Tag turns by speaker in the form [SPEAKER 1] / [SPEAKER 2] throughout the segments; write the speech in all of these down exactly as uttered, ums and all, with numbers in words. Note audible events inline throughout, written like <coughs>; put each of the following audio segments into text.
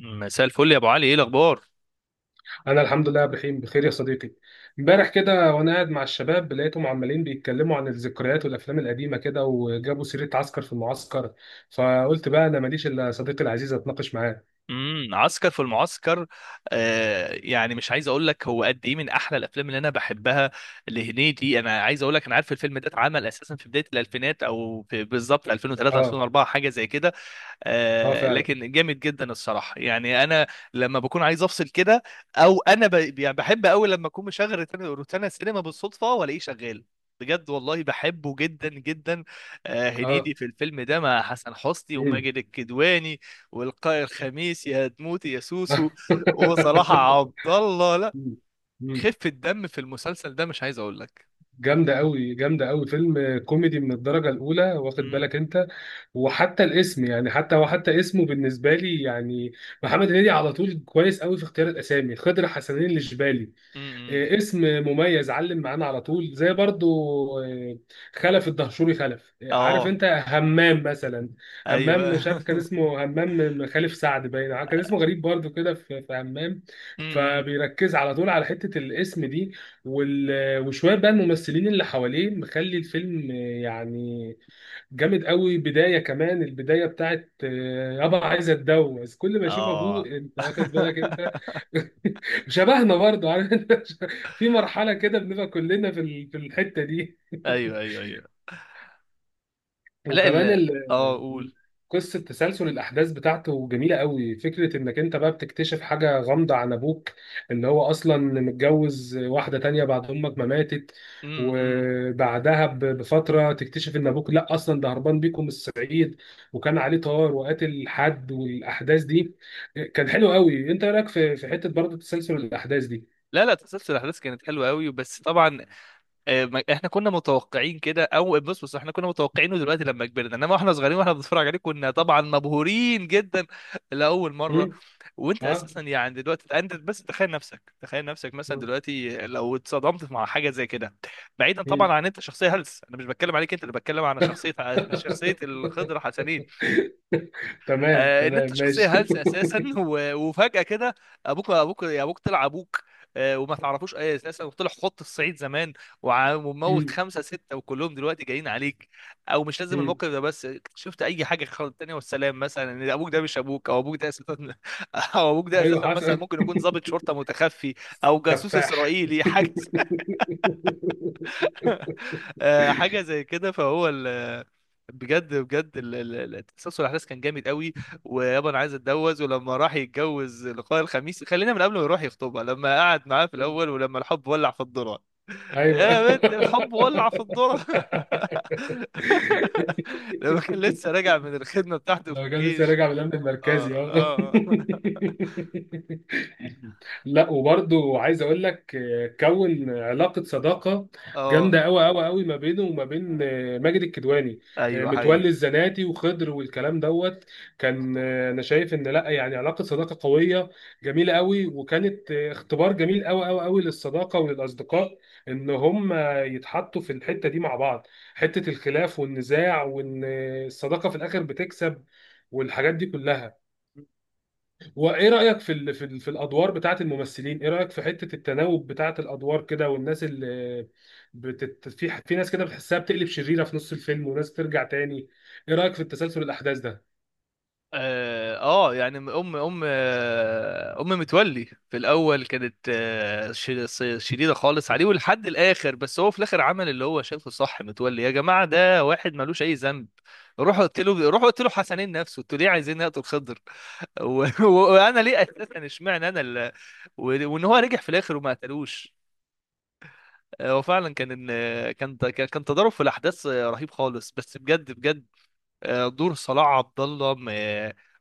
[SPEAKER 1] مساء الفل يا ابو علي، ايه الاخبار؟
[SPEAKER 2] انا الحمد لله بخير بخير يا صديقي. امبارح كده وانا قاعد مع الشباب لقيتهم عمالين بيتكلموا عن الذكريات والافلام القديمه كده، وجابوا سيره عسكر في المعسكر. فقلت بقى انا ماليش الا صديقي العزيز اتناقش معاه.
[SPEAKER 1] امم عسكر في المعسكر. آه يعني مش عايز اقول لك هو قد ايه من احلى الافلام اللي انا بحبها لهنيدي. انا عايز اقول لك انا عارف الفيلم ده اتعمل اساسا في بدايه الالفينات، او في بالظبط ألفين وثلاثة
[SPEAKER 2] اه،
[SPEAKER 1] ألفين واربعه، حاجه زي كده.
[SPEAKER 2] اه
[SPEAKER 1] آه
[SPEAKER 2] فعلا.
[SPEAKER 1] لكن جامد جدا الصراحه، يعني انا لما بكون عايز افصل كده، او انا ب... يعني بحب قوي لما اكون مشغل روتانا روتانا سينما بالصدفه والاقيه شغال. بجد والله بحبه جدا جدا. آه
[SPEAKER 2] اه.
[SPEAKER 1] هنيدي في الفيلم ده مع حسن حسني
[SPEAKER 2] مم.
[SPEAKER 1] وماجد الكدواني والقاء الخميس، يا تموتي يا سوسو، وصلاح عبد الله.
[SPEAKER 2] <laughs>
[SPEAKER 1] لا،
[SPEAKER 2] مم. مم.
[SPEAKER 1] خفة دم في المسلسل ده مش عايز اقول لك.
[SPEAKER 2] جامده قوي جامده قوي، فيلم كوميدي من الدرجه الاولى، واخد
[SPEAKER 1] مم،
[SPEAKER 2] بالك انت؟ وحتى الاسم يعني، حتى وحتى اسمه بالنسبه لي يعني، محمد هنيدي على طول كويس قوي في اختيار الاسامي. خضر حسنين الجبالي،
[SPEAKER 1] مم، مم.
[SPEAKER 2] آه، اسم مميز، علم معانا على طول. زي برضو آه، خلف الدهشوري خلف، آه، عارف
[SPEAKER 1] اه،
[SPEAKER 2] انت همام مثلا؟ همام،
[SPEAKER 1] ايوه.
[SPEAKER 2] مش عارف كان
[SPEAKER 1] <laughs>
[SPEAKER 2] اسمه همام خليف سعد، باين كان اسمه غريب برضو كده، في في همام.
[SPEAKER 1] مم، مم.
[SPEAKER 2] فبيركز على طول على حتة الاسم دي. وال- وشوية بقى الممثلين اللي حواليه مخلي الفيلم، آه، يعني، جامد قوي. بداية، كمان البداية بتاعت آه، يابا عايز اتجوز، كل ما يشوف ابوه.
[SPEAKER 1] اه.
[SPEAKER 2] انت واخد بالك انت؟
[SPEAKER 1] <laughs>
[SPEAKER 2] <laughs> شبهنا، برضو عارف انت؟ <laughs> في مرحلة كده بنبقى كلنا في ال- في الحتة دي.
[SPEAKER 1] ايوه ايوه ايوه.
[SPEAKER 2] <laughs>
[SPEAKER 1] لا، ال
[SPEAKER 2] وكمان
[SPEAKER 1] اه
[SPEAKER 2] ال-
[SPEAKER 1] قول.
[SPEAKER 2] قصة تسلسل الأحداث بتاعته جميلة قوي. فكرة إنك أنت بقى بتكتشف حاجة غامضة عن أبوك، اللي هو أصلا متجوز واحدة تانية بعد أمك ما ماتت.
[SPEAKER 1] امم
[SPEAKER 2] وبعدها ب- بفترة تكتشف إن أبوك لأ، أصلا ده هربان بيكم من الصعيد، وكان عليه طار، وقاتل حد والأحداث دي. كان حلو قوي. أنت إيه رأيك في في حتة برضه تسلسل الأحداث
[SPEAKER 1] لا لا، تسلسل الاحداث كانت حلوه قوي، بس طبعا آه، ما- احنا كنا متوقعين كده، او بص بص احنا كنا متوقعينه دلوقتي لما كبرنا، انما واحنا صغيرين واحنا بنتفرج عليه كنا طبعا مبهورين جدا لاول
[SPEAKER 2] دي؟
[SPEAKER 1] مره. وانت
[SPEAKER 2] ها؟
[SPEAKER 1] اساسا يعني دلوقتي انت بس تخيل نفسك، تخيل نفسك مثلا
[SPEAKER 2] مم.
[SPEAKER 1] دلوقتي لو اتصدمت مع حاجه زي كده، بعيدا طبعا
[SPEAKER 2] مم.
[SPEAKER 1] عن انت شخصيه هلس. انا مش بتكلم عليك انت، اللي بتكلم على شخصيه شخصيه الخضر
[SPEAKER 2] <laughs>
[SPEAKER 1] حسنين.
[SPEAKER 2] تمام
[SPEAKER 1] آه، ان
[SPEAKER 2] تمام
[SPEAKER 1] انت شخصيه
[SPEAKER 2] ماشي.
[SPEAKER 1] هلسه
[SPEAKER 2] <laughs>
[SPEAKER 1] اساسا، <laughs> و- وفجاه كده ابوك، ابوك يا ابوك، طلع ابوك آه، وما تعرفوش اي اساسا، وطلع خط الصعيد زمان، وع- وموت
[SPEAKER 2] مم.
[SPEAKER 1] خمسه سته وكلهم دلوقتي جايين عليك. او مش لازم
[SPEAKER 2] مم.
[SPEAKER 1] الموقف ده بس، شفت اي حاجه خالص تانية والسلام، مثلا ان ابوك ده مش ابوك، او ابوك ده اساسا <laughs> او ابوك ده
[SPEAKER 2] ايوه
[SPEAKER 1] اساسا مثلا
[SPEAKER 2] حسن.
[SPEAKER 1] ممكن
[SPEAKER 2] <laughs>
[SPEAKER 1] يكون ضابط شرطه متخفي، او جاسوس
[SPEAKER 2] تفاح. <laughs>
[SPEAKER 1] اسرائيلي حاجه <laughs> آه، حاجه زي كده. فهو ال بجد بجد، ال- ال- ال- تسلسل الاحداث كان جامد قوي. ويابا انا عايز اتجوز، ولما راح يتجوز لقاء الخميس، خلينا من قبل ما يروح يخطبها، لما قعد معاه في الاول، ولما الحب ولع في الذره،
[SPEAKER 2] ايوه.
[SPEAKER 1] يا بنت الحب ولع في الذره، <laughs> لما كان لسه راجع
[SPEAKER 2] <laughs>
[SPEAKER 1] من الخدمه بتاعته في
[SPEAKER 2] لو كان لسه
[SPEAKER 1] الجيش.
[SPEAKER 2] راجع من الامن المركزي،
[SPEAKER 1] اه،
[SPEAKER 2] اه.
[SPEAKER 1] اه،
[SPEAKER 2] <laughs> لا وبرضه عايز اقول لك آه، كون علاقه صداقه
[SPEAKER 1] اه،
[SPEAKER 2] جامده قوي قوي قوي ما بينه وما بين آه، ماجد الكدواني، آه،
[SPEAKER 1] ايوه،
[SPEAKER 2] متولي
[SPEAKER 1] حقيقي.
[SPEAKER 2] الزناتي وخضر والكلام دوت. كان آه، انا شايف ان لا يعني علاقه صداقه قويه جميله قوي. وكانت آه، اختبار جميل قوي قوي قوي للصداقه وللاصدقاء، ان هم يتحطوا في الحته دي مع بعض. حته الخلاف والنزاع، وان آه، الصداقه في الاخر بتكسب، والحاجات دي كلها. وايه رايك في ال في, ال في الادوار بتاعه الممثلين؟ ايه رايك في حته التناوب بتاعه الادوار كده، والناس اللي بتت... في في ناس كده بتحسها بتقلب شريره في نص الفيلم، وناس ترجع تاني. ايه رايك في التسلسل الاحداث ده؟
[SPEAKER 1] اه، آه، يعني ام ام آه، ام متولي في الاول كانت آه، ش- س- شديده خالص عليه ولحد الاخر، بس هو في الاخر عمل اللي هو شايفه صح. متولي يا جماعه ده واحد ملوش اي ذنب، روحوا قلت له، روحوا قلت له حسنين نفسه، انتوا ليه عايزين نقتل خضر؟ <laughs> و- و- وانا ليه اساسا اشمعنى انا ال... و- وان هو رجع في الاخر وما قتلوش. آه، هو فعلا كان، إن- كان، كان تضارب في الاحداث آه، رهيب خالص، بس بجد بجد، آه، دور صلاح عبد الله م-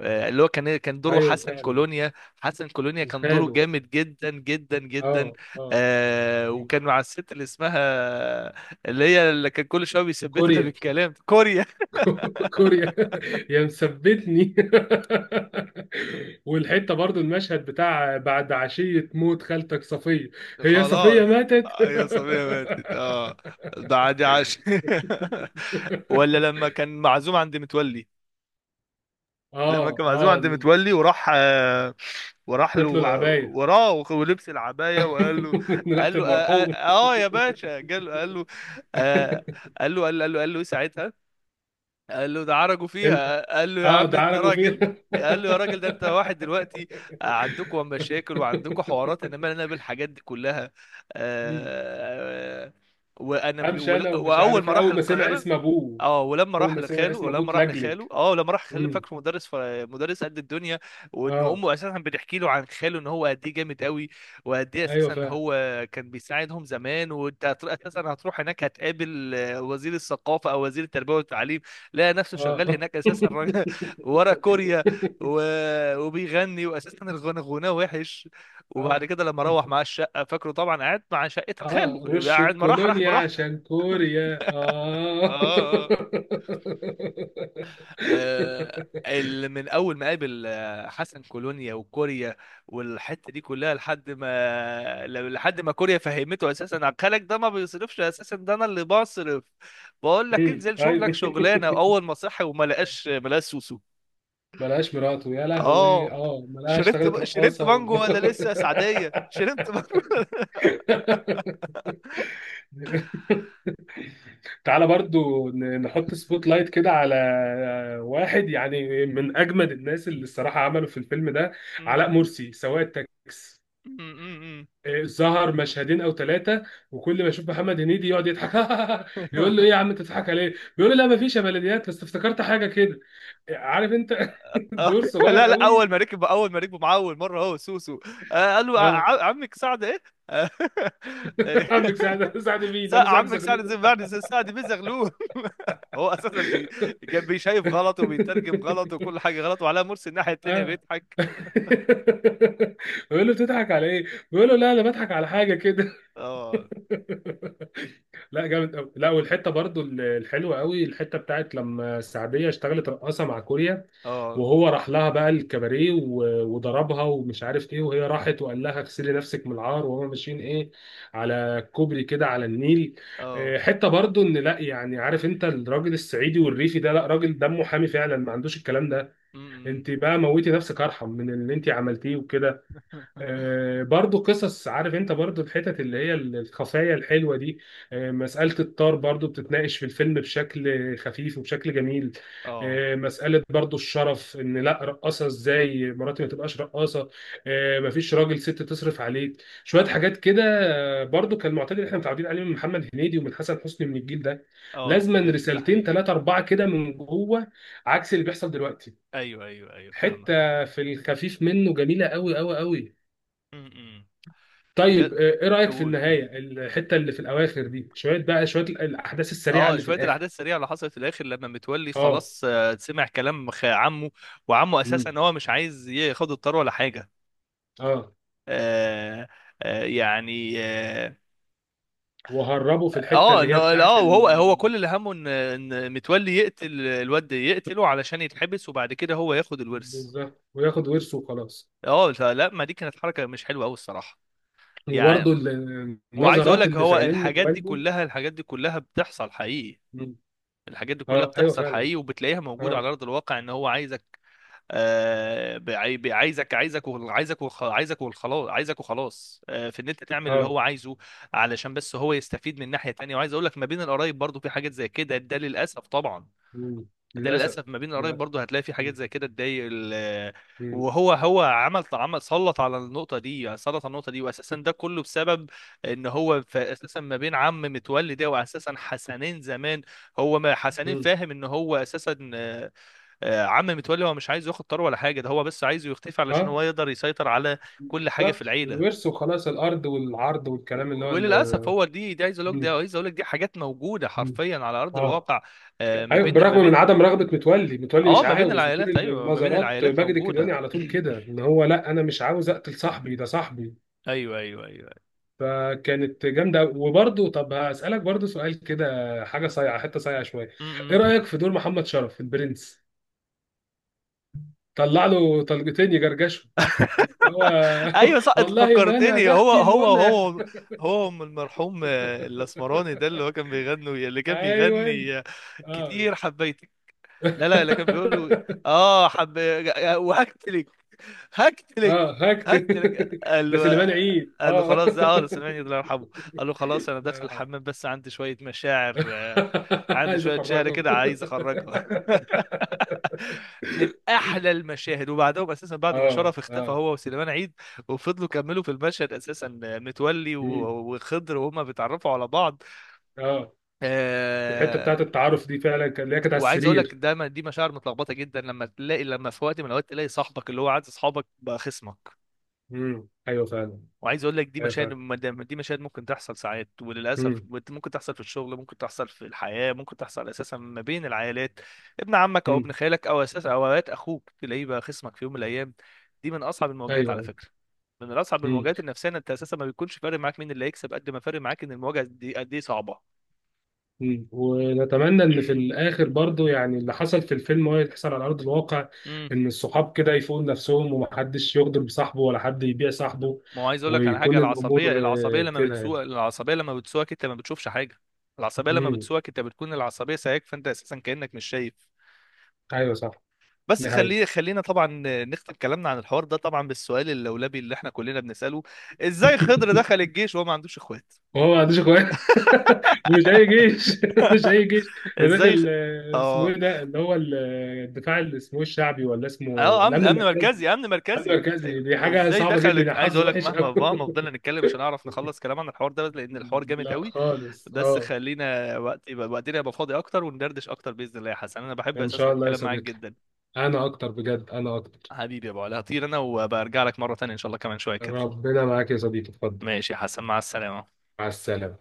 [SPEAKER 1] آه، اللي هو كان كان دوره
[SPEAKER 2] ايوه
[SPEAKER 1] حسن
[SPEAKER 2] فعلا.
[SPEAKER 1] كولونيا. حسن كولونيا
[SPEAKER 2] كان
[SPEAKER 1] كان دوره
[SPEAKER 2] خاله.
[SPEAKER 1] جامد جدا جدا
[SPEAKER 2] اه
[SPEAKER 1] جدا.
[SPEAKER 2] اه.
[SPEAKER 1] آه
[SPEAKER 2] مم.
[SPEAKER 1] وكان مع الست اللي اسمها، اللي هي اللي كان كل شويه بيثبتها
[SPEAKER 2] كوريا.
[SPEAKER 1] بالكلام كوريا.
[SPEAKER 2] <laughs> كوريا يا مثبتني. <laughs> والحته برضو المشهد بتاع بعد عشيه موت خالتك صفيه.
[SPEAKER 1] <laughs>
[SPEAKER 2] هي صفيه
[SPEAKER 1] خلاص،
[SPEAKER 2] ماتت.
[SPEAKER 1] آه، يا صبيه ماتت، اه، ده عادي عاش. <laughs> ولا
[SPEAKER 2] <laughs>
[SPEAKER 1] لما كان معزوم عند متولي، لما
[SPEAKER 2] اه
[SPEAKER 1] كان معزوم
[SPEAKER 2] اه.
[SPEAKER 1] عند متولي وراح آه، وراح له،
[SPEAKER 2] ادت له العبايه.
[SPEAKER 1] وراه، وخ- ولبس العباية وقال له.
[SPEAKER 2] <laughs> من ريحه
[SPEAKER 1] قال له اه,
[SPEAKER 2] المرحوم.
[SPEAKER 1] آه آه يا باشا، قال له قال له آه
[SPEAKER 2] <laughs>
[SPEAKER 1] قال له قال له قال له, قال له إيه ساعتها؟ قال له ده عرجوا
[SPEAKER 2] انت.
[SPEAKER 1] فيها، قال له يا
[SPEAKER 2] اه
[SPEAKER 1] عم
[SPEAKER 2] ده
[SPEAKER 1] انت
[SPEAKER 2] عالجوا فيها.
[SPEAKER 1] راجل،
[SPEAKER 2] <laughs>
[SPEAKER 1] قال له يا راجل، ده انت واحد دلوقتي عندكم مشاكل وعندكم حوارات، انا مالي انا بالحاجات دي كلها.
[SPEAKER 2] مم.
[SPEAKER 1] آه. وانا ب...
[SPEAKER 2] امشي انا
[SPEAKER 1] ولا-
[SPEAKER 2] ومش
[SPEAKER 1] واول
[SPEAKER 2] عارف
[SPEAKER 1] ما
[SPEAKER 2] ايه.
[SPEAKER 1] راح
[SPEAKER 2] اول ما سمع
[SPEAKER 1] القاهرة،
[SPEAKER 2] اسم ابوه
[SPEAKER 1] اه، ولما
[SPEAKER 2] اول
[SPEAKER 1] راح
[SPEAKER 2] ما سمع
[SPEAKER 1] لخاله
[SPEAKER 2] اسم ابوه
[SPEAKER 1] ولما راح
[SPEAKER 2] اتلجلج.
[SPEAKER 1] لخاله اه لما راح خاله
[SPEAKER 2] مم.
[SPEAKER 1] فاكره مدرس ف... مدرس قد الدنيا. وان
[SPEAKER 2] اه
[SPEAKER 1] امه اساسا بتحكي له عن خاله ان هو قد ايه جامد قوي وقد ايه
[SPEAKER 2] ايوه
[SPEAKER 1] اساسا
[SPEAKER 2] فعلا.
[SPEAKER 1] هو كان بيساعدهم زمان. وانت هت- اساسا هتروح هناك هتقابل آه، وزير الثقافه او وزير التربيه والتعليم. لقى نفسه شغال
[SPEAKER 2] اه.
[SPEAKER 1] هناك
[SPEAKER 2] <laughs>
[SPEAKER 1] اساسا راجل <laughs> ورا كوريا و... وبيغني، واساسا الغنى غناه وحش. وبعد
[SPEAKER 2] اه
[SPEAKER 1] كده لما روح مع الشقه، فاكره طبعا قعد مع شقه خاله،
[SPEAKER 2] اه رش
[SPEAKER 1] قاعد ما راح، راح
[SPEAKER 2] الكولونيا
[SPEAKER 1] براحته.
[SPEAKER 2] عشان كوريا،
[SPEAKER 1] اه.
[SPEAKER 2] اه.
[SPEAKER 1] آه. آه. آه،
[SPEAKER 2] <laughs>
[SPEAKER 1] اللي من اول ما قابل آه، حسن كولونيا وكوريا والحته دي كلها، لحد ما ل- لحد ما كوريا فهمته اساسا، عقلك ده ما بيصرفش، اساسا ده انا اللي بصرف، بقول لك
[SPEAKER 2] امم
[SPEAKER 1] انزل شوف
[SPEAKER 2] ايوه.
[SPEAKER 1] لك شغلانه. اول ما صحي وما لقاش ما لقاش سوسو.
[SPEAKER 2] <laughs> ملهاش مراته، يا لهوي،
[SPEAKER 1] اه،
[SPEAKER 2] اه، ملهاش اشتغلت
[SPEAKER 1] شربت شربت
[SPEAKER 2] رقاصه و...
[SPEAKER 1] مانجو
[SPEAKER 2] <laughs>
[SPEAKER 1] ولا لسه، يا سعديه شربت مانجو. <laughs>
[SPEAKER 2] تعالى برضو ن- نحط سبوت لايت كده على واحد، يعني من اجمد الناس اللي الصراحه عملوا في الفيلم ده، علاء
[SPEAKER 1] أمم،
[SPEAKER 2] مرسي سواق التاكس.
[SPEAKER 1] أمم، أمم،
[SPEAKER 2] إيه، ظهر مشهدين او ثلاثه، وكل ما يشوف محمد هنيدي يقعد يضحك. <laughs>
[SPEAKER 1] أمم.
[SPEAKER 2] يقول له: ايه يا
[SPEAKER 1] <laughs>
[SPEAKER 2] عم انت بتضحك عليه؟ بيقول له: لا مفيش يا بلديات، بس افتكرت حاجه كده. عارف انت؟ <laughs>
[SPEAKER 1] <laughs> آه،
[SPEAKER 2] دور صغير
[SPEAKER 1] لا لا، اول
[SPEAKER 2] قوي.
[SPEAKER 1] ما ركب، اول ما ركبوا معاه اول مره هو سوسو آه، قال له
[SPEAKER 2] اه.
[SPEAKER 1] ع- عمك سعد ايه. آه،
[SPEAKER 2] <laughs> عمك سعد، قال
[SPEAKER 1] <laughs>
[SPEAKER 2] له سعد. <laughs> مين؟ قال له
[SPEAKER 1] سع-
[SPEAKER 2] سعد
[SPEAKER 1] عمك سعد
[SPEAKER 2] زغلول.
[SPEAKER 1] زي
[SPEAKER 2] <laughs>
[SPEAKER 1] بعد زي سعد بيزغلول. <laughs> هو اساسا بي... كان بيشايف غلط وبيترجم غلط وكل حاجه غلط، وعلاء مرسي الناحيه التانيه
[SPEAKER 2] اه.
[SPEAKER 1] بيضحك.
[SPEAKER 2] <laughs> بيقول له: بتضحك على ايه؟ بيقول له: لا انا بضحك على حاجه كده. <laughs>
[SPEAKER 1] اه،
[SPEAKER 2] لا جامد قوي. لا والحته برضو الحلوه قوي، الحته بتاعت لما السعوديه اشتغلت رقاصه مع كوريا،
[SPEAKER 1] اه،
[SPEAKER 2] وهو راح لها بقى الكباريه و- وضربها، ومش عارف ايه، وهي راحت وقال لها: اغسلي نفسك من العار، وهما ماشيين ايه، على كوبري كده على النيل.
[SPEAKER 1] اه.
[SPEAKER 2] آه، حته برضو ان لا يعني، عارف انت، الراجل الصعيدي والريفي ده، لا راجل دمه حامي فعلا، ما عندوش الكلام ده.
[SPEAKER 1] م-م.
[SPEAKER 2] انت بقى موتي نفسك ارحم من اللي انت عملتيه وكده.
[SPEAKER 1] <laughs>
[SPEAKER 2] آه، برضو قصص، عارف انت، برضو الحتت اللي هي الخفايا الحلوة دي. آه، مسألة الطار برضو بتتناقش في الفيلم بشكل خفيف وبشكل جميل.
[SPEAKER 1] اه،
[SPEAKER 2] آه، مسألة برضو الشرف، ان لا رقاصة، ازاي مراتي ما تبقاش رقاصة، آه، مفيش راجل ست تصرف عليك شوية حاجات كده. آه، برضو كان معتاد اللي احنا متعودين عليه من محمد هنيدي ومن حسن حسني من الجيل ده.
[SPEAKER 1] اه،
[SPEAKER 2] لازما
[SPEAKER 1] بجد ده
[SPEAKER 2] رسالتين
[SPEAKER 1] حقيقي.
[SPEAKER 2] ثلاثة أربعة كده من جوه، عكس اللي بيحصل دلوقتي.
[SPEAKER 1] ايوه ايوه ايوه، فاهمك.
[SPEAKER 2] حتة في الخفيف منه جميلة قوي قوي قوي.
[SPEAKER 1] م-م.
[SPEAKER 2] طيب،
[SPEAKER 1] بجد،
[SPEAKER 2] آه، ايه رأيك في
[SPEAKER 1] قول.
[SPEAKER 2] النهاية، الحتة اللي في الأواخر دي، شوية بقى شوية ال- الأحداث السريعة
[SPEAKER 1] اه،
[SPEAKER 2] اللي في
[SPEAKER 1] شويه
[SPEAKER 2] الآخر؟
[SPEAKER 1] الاحداث السريعه اللي حصلت في الاخر لما متولي
[SPEAKER 2] اه.
[SPEAKER 1] خلاص آه، سمع كلام خ- عمه، وعمه اساسا
[SPEAKER 2] مم.
[SPEAKER 1] هو مش عايز ياخد الطار ولا حاجه
[SPEAKER 2] اه.
[SPEAKER 1] آه، آه يعني اه،
[SPEAKER 2] وهربوا في الحتة
[SPEAKER 1] اه،
[SPEAKER 2] اللي هي
[SPEAKER 1] إنه-
[SPEAKER 2] بتاعت
[SPEAKER 1] آه،
[SPEAKER 2] ال...
[SPEAKER 1] وهو، هو كل اللي همه ان ان متولي يقتل الواد، يقتله علشان يتحبس، وبعد كده هو ياخد الورث.
[SPEAKER 2] بالظبط وياخد ورثه وخلاص.
[SPEAKER 1] اه لا لا، ما دي كانت حركه مش حلوه قوي الصراحه، يعني.
[SPEAKER 2] وبرضه ال-
[SPEAKER 1] وعايز اقول
[SPEAKER 2] النظرات
[SPEAKER 1] لك
[SPEAKER 2] اللي في
[SPEAKER 1] هو
[SPEAKER 2] عينين
[SPEAKER 1] الحاجات دي
[SPEAKER 2] متولي.
[SPEAKER 1] كلها، الحاجات دي كلها بتحصل حقيقي
[SPEAKER 2] مم.
[SPEAKER 1] الحاجات دي كلها
[SPEAKER 2] اه ايوه
[SPEAKER 1] بتحصل
[SPEAKER 2] فعلا.
[SPEAKER 1] حقيقي، وبتلاقيها موجودة
[SPEAKER 2] اه.
[SPEAKER 1] على أرض الواقع، إن هو عايزك آه، بعي- بي- عايزك، عايزك وخ- عايزك وخ- عايزك وخلاص، عايزك وخلاص آه، في ان انت تعمل اللي هو
[SPEAKER 2] اه.
[SPEAKER 1] عايزه علشان بس هو يستفيد من ناحية تانية. وعايز اقول لك ما بين القرايب برضو في حاجات زي كده، ده للاسف طبعا،
[SPEAKER 2] مم.
[SPEAKER 1] ده
[SPEAKER 2] للأسف.
[SPEAKER 1] للاسف ما بين القرايب
[SPEAKER 2] للأسف.
[SPEAKER 1] برضو هتلاقي في حاجات
[SPEAKER 2] مم.
[SPEAKER 1] زي كده تضايق ال- آه،
[SPEAKER 2] مم.
[SPEAKER 1] وهو، هو عمل، عمل سلط على النقطة دي، سلط على النقطة دي واساسا ده كله بسبب ان هو ف- اساسا ما بين عم متولي ده واساسا حسنين زمان. هو ما حسنين
[SPEAKER 2] مم.
[SPEAKER 1] فاهم ان هو اساسا آه، عم متولي هو مش عايز ياخد طار ولا حاجه، ده هو بس عايزه يختفي علشان
[SPEAKER 2] اه.
[SPEAKER 1] هو يقدر يسيطر على كل حاجه في
[SPEAKER 2] بالظبط
[SPEAKER 1] العيله.
[SPEAKER 2] الورث وخلاص، الأرض والعرض والكلام اللي
[SPEAKER 1] و-
[SPEAKER 2] هو
[SPEAKER 1] وللاسف
[SPEAKER 2] ال...
[SPEAKER 1] هو دي دي عايز اقول لك دي
[SPEAKER 2] مم.
[SPEAKER 1] عايز اقول لك دي حاجات موجوده
[SPEAKER 2] مم.
[SPEAKER 1] حرفيا على ارض
[SPEAKER 2] اه
[SPEAKER 1] الواقع آه، ما
[SPEAKER 2] ايوه
[SPEAKER 1] بين،
[SPEAKER 2] بالرغم
[SPEAKER 1] ما
[SPEAKER 2] من عدم
[SPEAKER 1] بين،
[SPEAKER 2] رغبه متولي، متولي
[SPEAKER 1] اه،
[SPEAKER 2] مش
[SPEAKER 1] ما بين
[SPEAKER 2] عاوز، وطول
[SPEAKER 1] العائلات، ايوه ما بين
[SPEAKER 2] النظرات
[SPEAKER 1] العائلات
[SPEAKER 2] ماجد الكدواني
[SPEAKER 1] موجوده.
[SPEAKER 2] على
[SPEAKER 1] <coughs>
[SPEAKER 2] طول كده،
[SPEAKER 1] <clears throat>
[SPEAKER 2] ان هو لا انا مش عاوز اقتل صاحبي ده صاحبي.
[SPEAKER 1] ايوه ايوه ايوه.
[SPEAKER 2] فكانت جامده أوي. وبرضه طب هسالك برضه سؤال كده، حاجه صايعه، حته صايعه شويه. ايه
[SPEAKER 1] م- م.
[SPEAKER 2] رايك في دور محمد شرف البرنس؟ طلع له طلقتين يجرجشوا، اللي هو.
[SPEAKER 1] ايوه صح،
[SPEAKER 2] <laughs>
[SPEAKER 1] انت
[SPEAKER 2] والله ما انا
[SPEAKER 1] فكرتني.
[SPEAKER 2] ده
[SPEAKER 1] هو
[SPEAKER 2] اختي
[SPEAKER 1] هو
[SPEAKER 2] منى.
[SPEAKER 1] هو، هو أم المرحوم آه، الاسمراني ده اللي
[SPEAKER 2] <laughs>
[SPEAKER 1] هو كان بيغني، اللي كان
[SPEAKER 2] ايوه.
[SPEAKER 1] بيغني آه،
[SPEAKER 2] اه.
[SPEAKER 1] كتير حبيتك. لا لا، اللي كان بيقول له
[SPEAKER 2] <laughs>
[SPEAKER 1] اه حب وهكتلك، هقتلك،
[SPEAKER 2] اه هكت.
[SPEAKER 1] هقتلك
[SPEAKER 2] <laughs>
[SPEAKER 1] قال
[SPEAKER 2] ده
[SPEAKER 1] له.
[SPEAKER 2] سليمان عيد،
[SPEAKER 1] قال له
[SPEAKER 2] اه.
[SPEAKER 1] خلاص، ده اه
[SPEAKER 2] <laughs>
[SPEAKER 1] سليمان الله يرحمه، قال له خلاص انا
[SPEAKER 2] الله
[SPEAKER 1] داخل
[SPEAKER 2] يرحمه.
[SPEAKER 1] الحمام بس عندي شويه مشاعر آه،
[SPEAKER 2] <laughs>
[SPEAKER 1] عندي
[SPEAKER 2] عايز
[SPEAKER 1] شويه شعر
[SPEAKER 2] افرغه. <laughs>
[SPEAKER 1] كده عايز اخرجها، <laughs> من احلى المشاهد. وبعدهم اساسا بعد ما
[SPEAKER 2] اه
[SPEAKER 1] شرف اختفى
[SPEAKER 2] اه.
[SPEAKER 1] هو وسليمان عيد، وفضلوا كملوا في المشهد اساسا متولي
[SPEAKER 2] مم.
[SPEAKER 1] و- وخضر وهما بيتعرفوا على بعض.
[SPEAKER 2] اه. الحته بتاعت
[SPEAKER 1] آه،
[SPEAKER 2] التعارف دي فعلا كان، اللي هي كانت على
[SPEAKER 1] وعايز اقول لك
[SPEAKER 2] السرير.
[SPEAKER 1] دايما دي مشاعر متلخبطه جدا لما تلاقي، لما في وقت من الاوقات تلاقي صاحبك اللي هو عايز اصحابك بقى خصمك.
[SPEAKER 2] مم. ايوه فعلا.
[SPEAKER 1] وعايز اقول لك دي
[SPEAKER 2] ايوه
[SPEAKER 1] مشاهد،
[SPEAKER 2] فعلا.
[SPEAKER 1] مدام- دي مشاهد ممكن تحصل ساعات، وللاسف
[SPEAKER 2] مم.
[SPEAKER 1] بت- ممكن تحصل في الشغل، ممكن تحصل في الحياه، ممكن تحصل اساسا ما بين العائلات، ابن عمك او
[SPEAKER 2] مم.
[SPEAKER 1] ابن خالك او اساسا او اوقات اخوك تلاقيه بقى خصمك في يوم من الايام. دي من اصعب المواجهات
[SPEAKER 2] ايوه
[SPEAKER 1] على
[SPEAKER 2] ايوه.
[SPEAKER 1] فكره، من اصعب
[SPEAKER 2] مم.
[SPEAKER 1] المواجهات النفسيه، إن انت اساسا ما بيكونش فارق معاك مين اللي هيكسب قد ما فارق معاك ان المواجهه دي قد ايه صعبه.
[SPEAKER 2] مم. ونتمنى ان في الاخر برضو، يعني اللي حصل في الفيلم هو يحصل على ارض الواقع،
[SPEAKER 1] امم
[SPEAKER 2] ان الصحاب كده يفوقوا نفسهم، ومحدش يغدر بصاحبه، ولا حد يبيع صاحبه،
[SPEAKER 1] ما هو عايز اقول لك على
[SPEAKER 2] ويكون
[SPEAKER 1] حاجه، العصبيه،
[SPEAKER 2] الامور آه،
[SPEAKER 1] العصبيه لما
[SPEAKER 2] كده يعني.
[SPEAKER 1] بتسوق، العصبيه لما بتسوقك انت ما بتشوفش حاجه. العصبيه لما
[SPEAKER 2] مم.
[SPEAKER 1] بتسوقك انت بتكون العصبيه سايقك، فانت اساسا كانك مش شايف.
[SPEAKER 2] ايوه صح.
[SPEAKER 1] بس
[SPEAKER 2] دي حقيقة.
[SPEAKER 1] خلي خلينا طبعا نختم كلامنا عن الحوار ده طبعا بالسؤال اللولبي اللي احنا كلنا بنسأله، ازاي خضر
[SPEAKER 2] <laughs>
[SPEAKER 1] دخل الجيش وهو ما عندوش اخوات؟
[SPEAKER 2] هو ما عندوش اخوات. <laughs> ومش اي جيش. <laughs> مش اي جيش. ده
[SPEAKER 1] ازاي
[SPEAKER 2] داخل
[SPEAKER 1] خ...
[SPEAKER 2] آه، اسمه ايه
[SPEAKER 1] اه،
[SPEAKER 2] ده اللي هو ال- آه، الدفاع اللي اسمه إيه، الشعبي ولا اسمه
[SPEAKER 1] اه، امن
[SPEAKER 2] الامن
[SPEAKER 1] امن
[SPEAKER 2] المركزي؟
[SPEAKER 1] مركزي، امن
[SPEAKER 2] الامن
[SPEAKER 1] مركزي
[SPEAKER 2] المركزي
[SPEAKER 1] أيوة.
[SPEAKER 2] دي حاجه
[SPEAKER 1] ازاي
[SPEAKER 2] صعبه جدا،
[SPEAKER 1] دخل،
[SPEAKER 2] يا
[SPEAKER 1] عايز
[SPEAKER 2] حظ
[SPEAKER 1] اقول لك
[SPEAKER 2] وحش قوي.
[SPEAKER 1] مهما، مهما فضلنا
[SPEAKER 2] <laughs>
[SPEAKER 1] نتكلم مش هنعرف نخلص كلام عن الحوار ده لان الحوار جامد
[SPEAKER 2] لا
[SPEAKER 1] قوي.
[SPEAKER 2] خالص
[SPEAKER 1] بس
[SPEAKER 2] اه.
[SPEAKER 1] خلينا وقت يبقى، وقتنا يبقى فاضي اكتر وندردش اكتر، باذن الله يا حسن، انا بحب
[SPEAKER 2] ان
[SPEAKER 1] اساسا
[SPEAKER 2] شاء الله يا
[SPEAKER 1] الكلام معاك
[SPEAKER 2] صديقي.
[SPEAKER 1] جدا.
[SPEAKER 2] انا اكتر بجد انا اكتر.
[SPEAKER 1] حبيبي يا ابو علي، هطير انا وبرجع لك مره تانية ان شاء الله كمان شويه كده.
[SPEAKER 2] ربنا معاك يا صديقي، اتفضل.
[SPEAKER 1] ماشي يا حسن، مع السلامه.
[SPEAKER 2] مع السلامه.